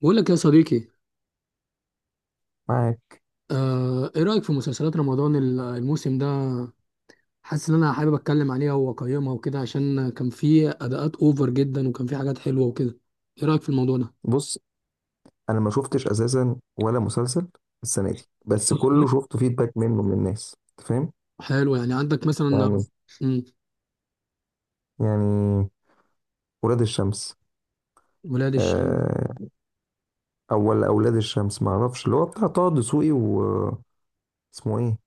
بقول لك يا صديقي. معاك. ايه رأيك في مسلسلات رمضان الموسم ده؟ حاسس ان انا حابب اتكلم عليها واقيمها وكده، عشان كان في اداءات اوفر جدا وكان في حاجات حلوة وكده. ايه رأيك في الموضوع ده؟ بص، انا ما شفتش اساسا ولا مسلسل السنه دي، بس بص، كله شفت فيدباك منه من الناس، انت فاهم. حلو يعني، عندك مثلا. يعني مم، يعني ولاد الشمس. ولاد الشمس، آه، اول اولاد الشمس ما اعرفش اللي هو بتاع طه دسوقي و اسمه ايه،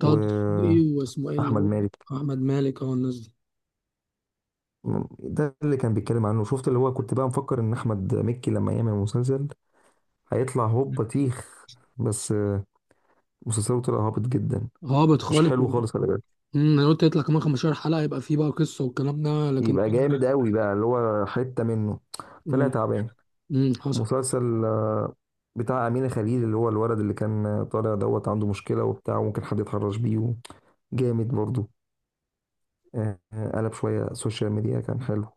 طه دسوقي واسمه ايه اللي واحمد هو، مالك. احمد مالك، اه الناس دي. ده اللي كان بيتكلم عنه، شفت اللي هو كنت بقى مفكر ان احمد مكي لما يعمل مسلسل هيطلع هوب بطيخ. بس مسلسله طلع هابط جدا، هابط مش خالص. حلو خالص، خلي بالك. انا قلت يطلع كمان 15 حلقة يبقى في بقى قصة والكلام ده، لكن. يبقى جامد قوي بقى اللي هو حتة منه، طلع مم، تعبان. حصل. مسلسل بتاع أمينة خليل، اللي هو الولد اللي كان طالع دوت عنده مشكلة وبتاع وممكن حد يتحرش بيه جامد برضو. قلب شوية سوشيال ميديا كان حلو.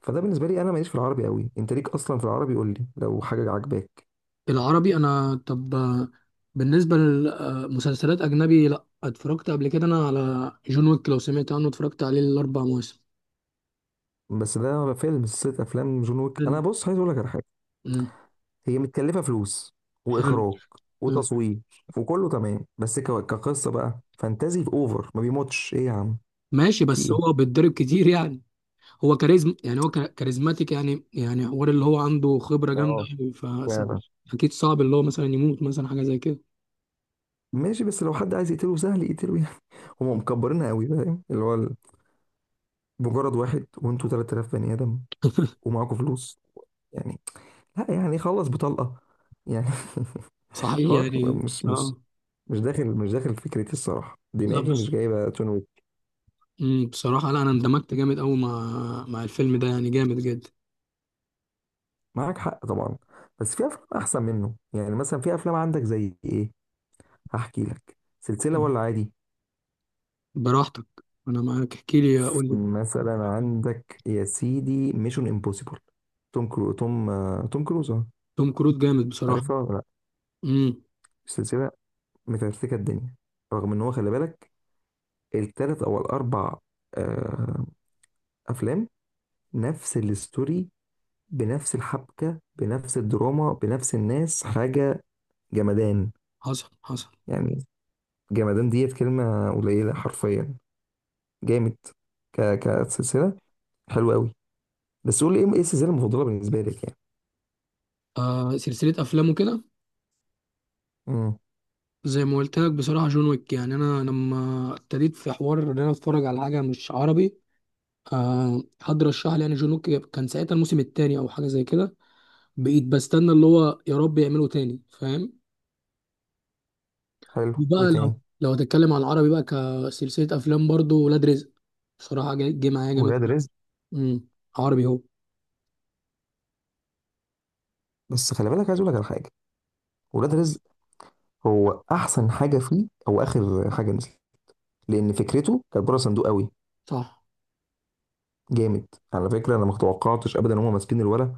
فده بالنسبة لي أنا ماليش في العربي قوي، أنت ليك أصلا في العربي؟ قول لي لو حاجة عجباك. العربي انا، طب، بالنسبه لمسلسلات اجنبي، لا اتفرجت قبل كده انا على جون ويك، لو سمعت عنه، اتفرجت عليه الاربع مواسم. بس ده فيلم، سلسلة أفلام جون ويك. حلو. أنا بص عايز أقول لك على حاجة. مم. هي متكلفة فلوس حلو. وإخراج حلو. وتصوير وكله تمام، بس كقصة بقى فانتازي في أوفر، ما بيموتش إيه يا عم. ماشي، في بس إيه؟ هو بيتضرب كتير يعني. هو كاريزما يعني، هو كاريزماتيك يعني، يعني حوار اللي هو عنده خبره جامده اه، أوي، ف، فعلا. اكيد صعب اللي هو مثلا يموت، مثلا حاجه زي كده. ماشي، بس لو حد عايز يقتله سهل يقتله يعني. هم مكبرينها قوي، فاهم اللي هو مجرد واحد وانتوا 3000 بني ادم ومعاكوا فلوس يعني، لا يعني خلص بطلقه يعني صحيح حوار يعني. مش مش اه. مش داخل مش داخل فكرتي الصراحه، لا دماغي بس. مش جايبه تون ويك. بصراحه لا، انا اندمجت جامد قوي مع الفيلم ده، يعني جامد جدا. معاك حق طبعا، بس في افلام احسن منه، يعني مثلا في افلام عندك زي ايه؟ هحكي لك سلسله ولا عادي؟ براحتك. انا معاك، احكي لي، قول لي. مثلا عندك يا سيدي ميشن امبوسيبل. توم كروز. اه. توم كروز جامد بصراحة. عارفها ولا لا؟ امم. السلسله متكتكه الدنيا، رغم ان هو خلي بالك التلات او الاربع آه افلام نفس الستوري، بنفس الحبكه بنفس الدراما بنفس الناس، حاجه جمدان. حصل حصل. يعني جمدان ديت كلمه قليله، حرفيا جامد. كسلسله حلوه قوي. بس قول لي إيه السلسله المفضله بالنسبه لك يعني؟ آه، سلسلة أفلامه كده. امم زي ما قلت لك بصراحة جون ويك، يعني أنا لما ابتديت في حوار إن أنا أتفرج على حاجة مش عربي، آه، حد رشح لي يعني جون ويك، كان ساعتها الموسم التاني أو حاجة زي كده، بقيت بستنى اللي هو يا رب يعمله تاني، فاهم. حلو، وايه بقى تاني؟ لو هتتكلم على العربي بقى كسلسلة أفلام برضو، ولاد رزق، بصراحة جه معايا جامد. ولاد رزق. امم. عربي هو. بس خلي بالك، عايز اقول لك على حاجه. ولاد رزق هو احسن حاجه فيه او اخر حاجه نزلت، لان فكرته كانت بره صندوق قوي. صح. جامد. على فكره، انا ما توقعتش ابدا ان هم ماسكين الولد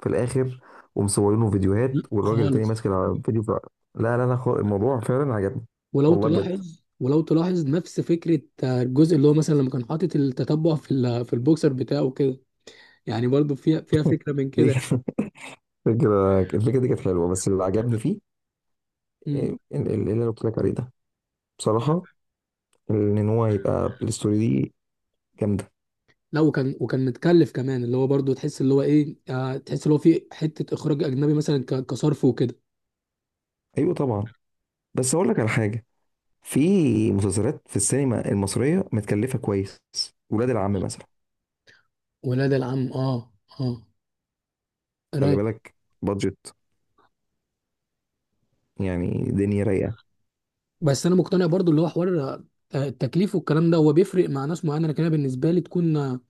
في الاخر ومصورينه فيديوهات، لأ، والراجل التاني خالص. ماسك الفيديو في... لا لا لا خالص، الموضوع فعلا عجبني، والله بجد. ولو تلاحظ نفس فكرة، آه، الجزء اللي هو مثلا لما كان حاطط التتبع في في البوكسر بتاعه كده. يعني برضو فيها فكرة من دي كده يعني. كانت الفكره دي كانت حلوه. بس اللي عجبني فيه مم. اللي انا قلت لك عليه ده، بصراحه، ان هو يبقى الستوري دي جامده. لا، وكان متكلف كمان، اللي هو برضو تحس اللي هو ايه، آه، تحس اللي هو في حتة اخراج اجنبي مثلا، كصرف وكده. ايوه طبعا، بس اقول لك على حاجه، في مسلسلات في السينما المصريه متكلفه كويس. ولاد العم مثلا. ولاد العم. اه. اه. خلي رايق. بالك، بادجت، يعني دنيا رايقه. بس انا مقتنع برضو اللي هو حوار، آه، التكليف والكلام ده هو بيفرق مع ناس معينة، لكن انا بالنسبة لي تكون، آه،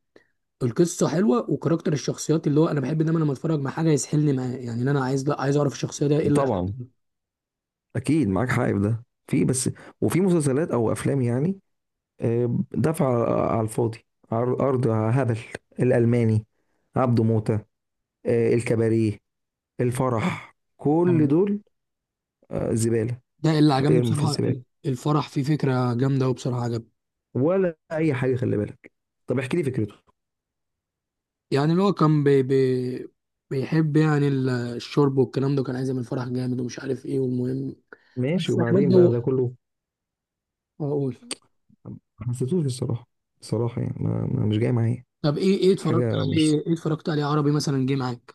القصه حلوه وكاركتر الشخصيات، اللي هو انا بحب دايما لما اتفرج مع حاجه يسحلني معاه يعني، إن انا عايز، لا عايز اعرف الشخصيه ده ايه اللي. طبعا اكيد معاك حق في ده، في بس، وفي مسلسلات او افلام، يعني دفع على الفاضي. ارض هبل، الالماني، عبده موته، الكباريه، الفرح، كل آه. دول زباله. ده اللي عجبني ارمي في بصراحة، الزباله، الفرح فيه فكرة جامدة، وبصراحة عجبني. ولا اي حاجه، خلي بالك. طب احكي لي فكرته. يعني اللي هو كان بي بي بيحب يعني الشرب والكلام ده، كان عايز يعمل فرح جامد ومش عارف ايه، والمهم. ماشي، بس يعني وبعدين برضه بقى ده كله اقول. ما حسيتوش الصراحه. الصراحه يعني مش جاي معايا. طب ايه، حاجه مش ايه اتفرجت عليه عربي مثلا جه معاك؟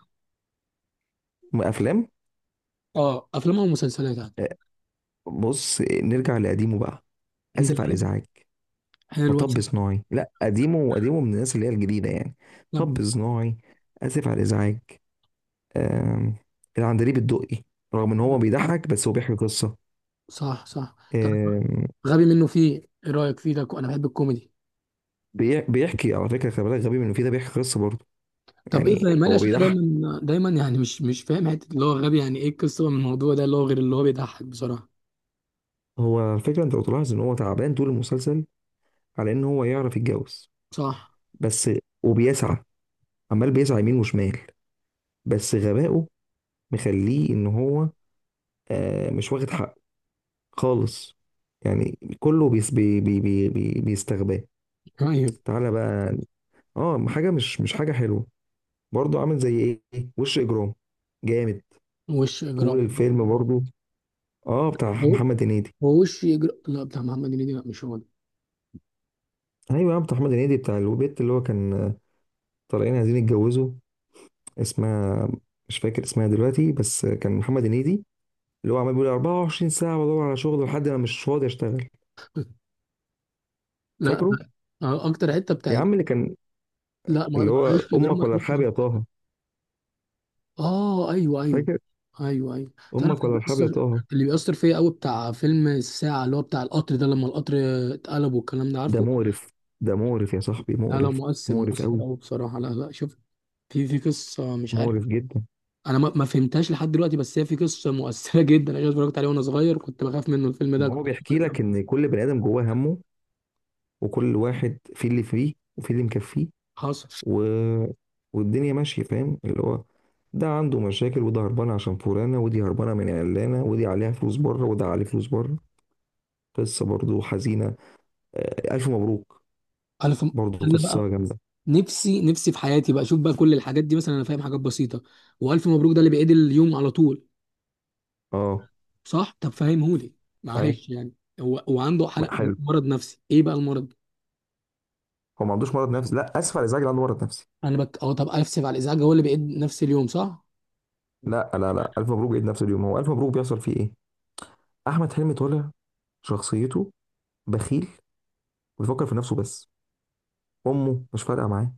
افلام. اه، افلام او مسلسلات يعني. آه، بص نرجع لقديمه بقى. انت اسف على بتحب. الازعاج. حلو. مطب أسف. صناعي، لا قديمه، قديمه من الناس اللي هي الجديده يعني. طب. مطب صناعي. اسف على الازعاج. آم، العندليب الدقي، رغم ان هو بيضحك بس هو بيحكي قصه. صح صح. طب. آم، غبي منه فيه، ايه رأيك فيه ده؟ انا بحب الكوميدي. بيحكي على فكره، خلي بالك، غبي منه فيه ده بيحكي قصه برضه. طب ايه يعني فاهم مالي، هو عشان انا بيضحك. دايما دايما يعني، مش فاهم حته اللي هو غبي، يعني ايه القصه من الموضوع ده، اللي هو غير اللي هو بيضحك بصراحه. هو الفكره انت لو تلاحظ ان هو تعبان طول المسلسل على ان هو يعرف يتجوز صح. بس، وبيسعى عمال بيسعى يمين وشمال، بس غبائه مخليه ان هو مش واخد حقه خالص. يعني كله بيس بي بي بي بي بيستغباه. ايوه. تعالى بقى. اه، حاجه مش حاجه حلوه برضه. عامل زي ايه؟ وش اجرام، جامد وش طول اجرام. الفيلم برضه. اه بتاع هو محمد هنيدي. هو وش اجرام، لا بتاع محمد هنيدي، لا مش هو ده. ايوه يا بتاع محمد هنيدي، بتاع البيت اللي هو كان طالعين عايزين يتجوزوا. اسمها مش فاكر اسمها دلوقتي، بس كان محمد هنيدي اللي هو عمال بيقول 24 ساعه بدور على شغل، لحد ما مش فاضي اشتغل. لا، فاكره؟ آه، اكتر حته يا بتاعت. عم اللي كان لا اللي هو وش اجرام امك ما ولا تروحش. ارحاب يا طه. اه ايوه ايوه. فاكر؟ ايوه ايوه. تعرف امك ولا اللي ارحاب يا بيأثر، طه. اللي بيأثر فيا قوي بتاع فيلم الساعه اللي هو بتاع القطر ده، لما القطر اتقلب والكلام ده، ده عارفه. مقرف، ده مقرف يا صاحبي، لا لا، مقرف، مؤثر مقرف مؤثر قوي، قوي بصراحه، لا لا شوف. في قصه مش عارف، مقرف جدا. انا ما ما فهمتهاش لحد دلوقتي، بس هي في قصه مؤثره جدا، انا اتفرجت عليه وانا صغير، كنت بخاف منه الفيلم ده، هو كنت بيحكي لك ان كل بني ادم جواه همه، وكل واحد في اللي فيه وفي اللي مكفيه، حصل. و... والدنيا ماشيه، فاهم اللي هو ده عنده مشاكل، وده هربان عشان فلانه، ودي هربانه من علانه، ودي عليها فلوس بره، وده عليه فلوس بره. قصه برضو حزينه. الف مبروك، انا فم... برضو انا قصه بقى، جامده. نفسي نفسي في حياتي بقى اشوف بقى كل الحاجات دي، مثلا انا فاهم حاجات بسيطه، والف مبروك ده اللي بيعيد اليوم على طول. اه، صح، طب فهمهولي، اي، معلش يعني. هو وعنده حلق، حلو. مرض نفسي ايه بقى المرض؟ هو ما عندوش مرض نفسي، لا اسف على الازعاج اللي عنده مرض نفسي. انا بك اه، طب اسف على الازعاج، هو اللي بيعيد نفس اليوم صح؟ لا لا لا، الف مبروك عيد نفس اليوم. هو الف مبروك بيحصل فيه ايه؟ احمد حلمي طالع شخصيته بخيل، بيفكر في نفسه بس، امه مش فارقه معاه،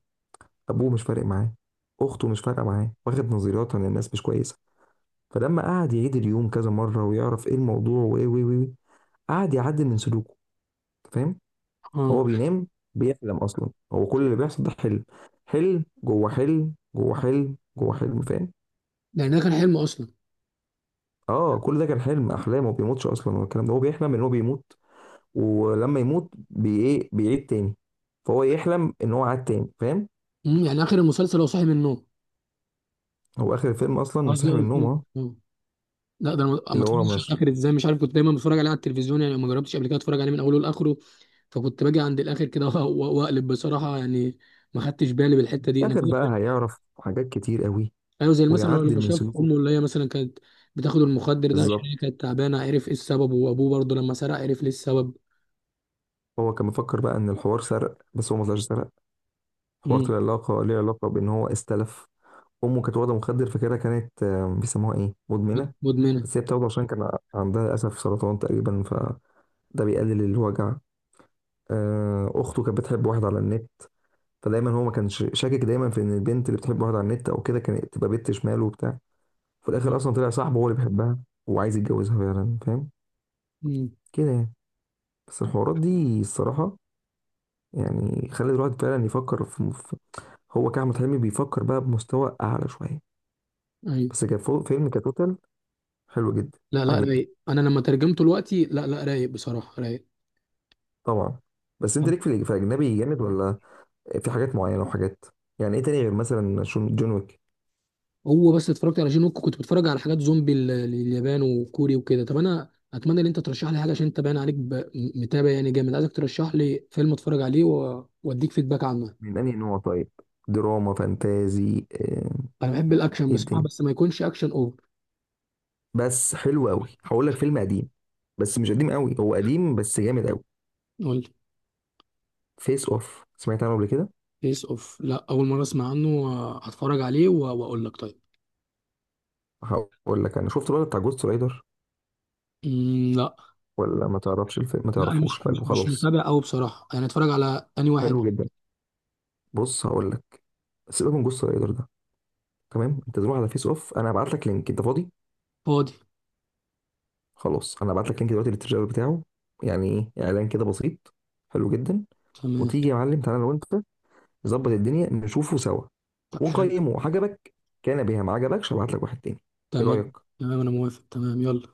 ابوه مش فارق معاه، اخته مش فارقه معاه، واخد نظريات عن الناس مش كويسه. فلما قعد يعيد اليوم كذا مره ويعرف ايه الموضوع وايه وايه وايه، قعد يعدل من سلوكه، أنت فاهم. اه. هو بينام، بيحلم اصلا، هو كل اللي بيحصل ده حلم. حلم جوه حلم جوه حلم جوه حلم، فاهم. يعني ده كان حلم اصلا. اه، كل ده كان حلم احلام، وما بيموتش اصلا والكلام ده. هو بيحلم ان هو بيموت، ولما يموت بي ايه بيعيد تاني. فهو يحلم ان هو عاد تاني، فاهم. يعني اخر المسلسل هو صاحي من النوم؟ هو اخر الفيلم اصلا قصدي صحي هو من النوم الفيلم، اهو. اه. لا ده انا ما ما اللي هو اتفرجتش على مش الاخر ازاي، مش عارف، كنت دايما بتفرج عليه على التلفزيون يعني، ما جربتش قبل كده اتفرج عليه من اوله لاخره، فكنت باجي عند الاخر كده واقلب بصراحه يعني، ما خدتش بالي بالحته دي انا اخر بقى كده. هيعرف حاجات كتير قوي، ايوه، زي مثلا ويعدل لما من شاف سلوكه. امه اللي هي مثلا كانت بتاخد المخدر ده، عشان هي بالظبط، كانت تعبانه، عرف ايه السبب، وابوه برضه لما سرق عرف ليه السبب. هو كان مفكر بقى ان الحوار سرق، بس هو ما طلعش سرق. الحوار مم. طلع علاقه ليه، علاقه بان هو استلف. امه كانت واخده مخدر، فكده كانت بيسموها ايه، مدمنه. مدمنه. بس هي بتاخده عشان كان عندها للاسف سرطان تقريبا، فده بيقلل الوجع. اخته كانت بتحب واحد على النت، فدايما هو ما كانش شاكك دايما في ان البنت اللي بتحب واحد على النت او كده كانت تبقى بنت شمال وبتاع. في الاخر اصلا طلع صاحبه هو اللي بيحبها وعايز يتجوزها فعلا، فاهم. مم. كده يعني. بس الحوارات دي الصراحه يعني خلت الواحد فعلا يفكر هو كأحمد حلمي بيفكر بقى بمستوى اعلى شويه. ايوه. بس فيلم كتوتال، حلو جدا. لا لا عجبني رايق، انا لما ترجمته دلوقتي، لا لا رايق بصراحه، رايق. طبعا. بس انت ليك في في الاجنبي جامد، ولا في حاجات معينه وحاجات؟ يعني ايه تاني غير مثلا جون ويك؟ هو بس اتفرجت على جين ووك، كنت بتفرج على حاجات زومبي اليابان وكوري وكده. طب انا اتمنى ان انت ترشح لي حاجه، عشان انت باين عليك متابع يعني جامد، عايزك ترشح لي فيلم اتفرج عليه واديك فيدباك عنه. من انهي نوع طيب؟ دراما، فانتازي، انا بحب الاكشن ايه بصراحه، الدنيا؟ بس ما يكونش اكشن اوفر. بس حلو قوي، هقول لك فيلم قديم، بس مش قديم قوي، هو قديم بس جامد قوي. قول لي. فيس اوف، سمعت عنه قبل كده؟ فيس اوف، لا اول مره اسمع عنه، هتفرج عليه واقول لك، طيب. هقول لك، انا شفت الولد بتاع جوست رايدر، لا. ولا ما تعرفش الفيلم؟ ما لا انا تعرفوش، حلو مش خلاص. متابع قوي بصراحه يعني، اتفرج على اني واحد. حلو جدا. بص هقول لك، سيبك من جوست رايدر ده، تمام؟ انت تروح على فيس اوف، انا هبعت لك لينك. انت فاضي؟ فاضي. خلاص، انا هبعت لك لينك دلوقتي للتريلر بتاعه، يعني ايه اعلان كده بسيط، حلو جدا. تمام. وتيجي يا معلم، تعالى لو انت نظبط الدنيا نشوفه سوا طب حلو. ونقيمه. عجبك كان بها، ما عجبكش هبعت لك واحد تاني. ايه تمام. رايك؟ تمام انا موافق، تمام، يلا.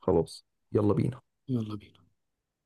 خلاص، يلا بينا. يلا بينا.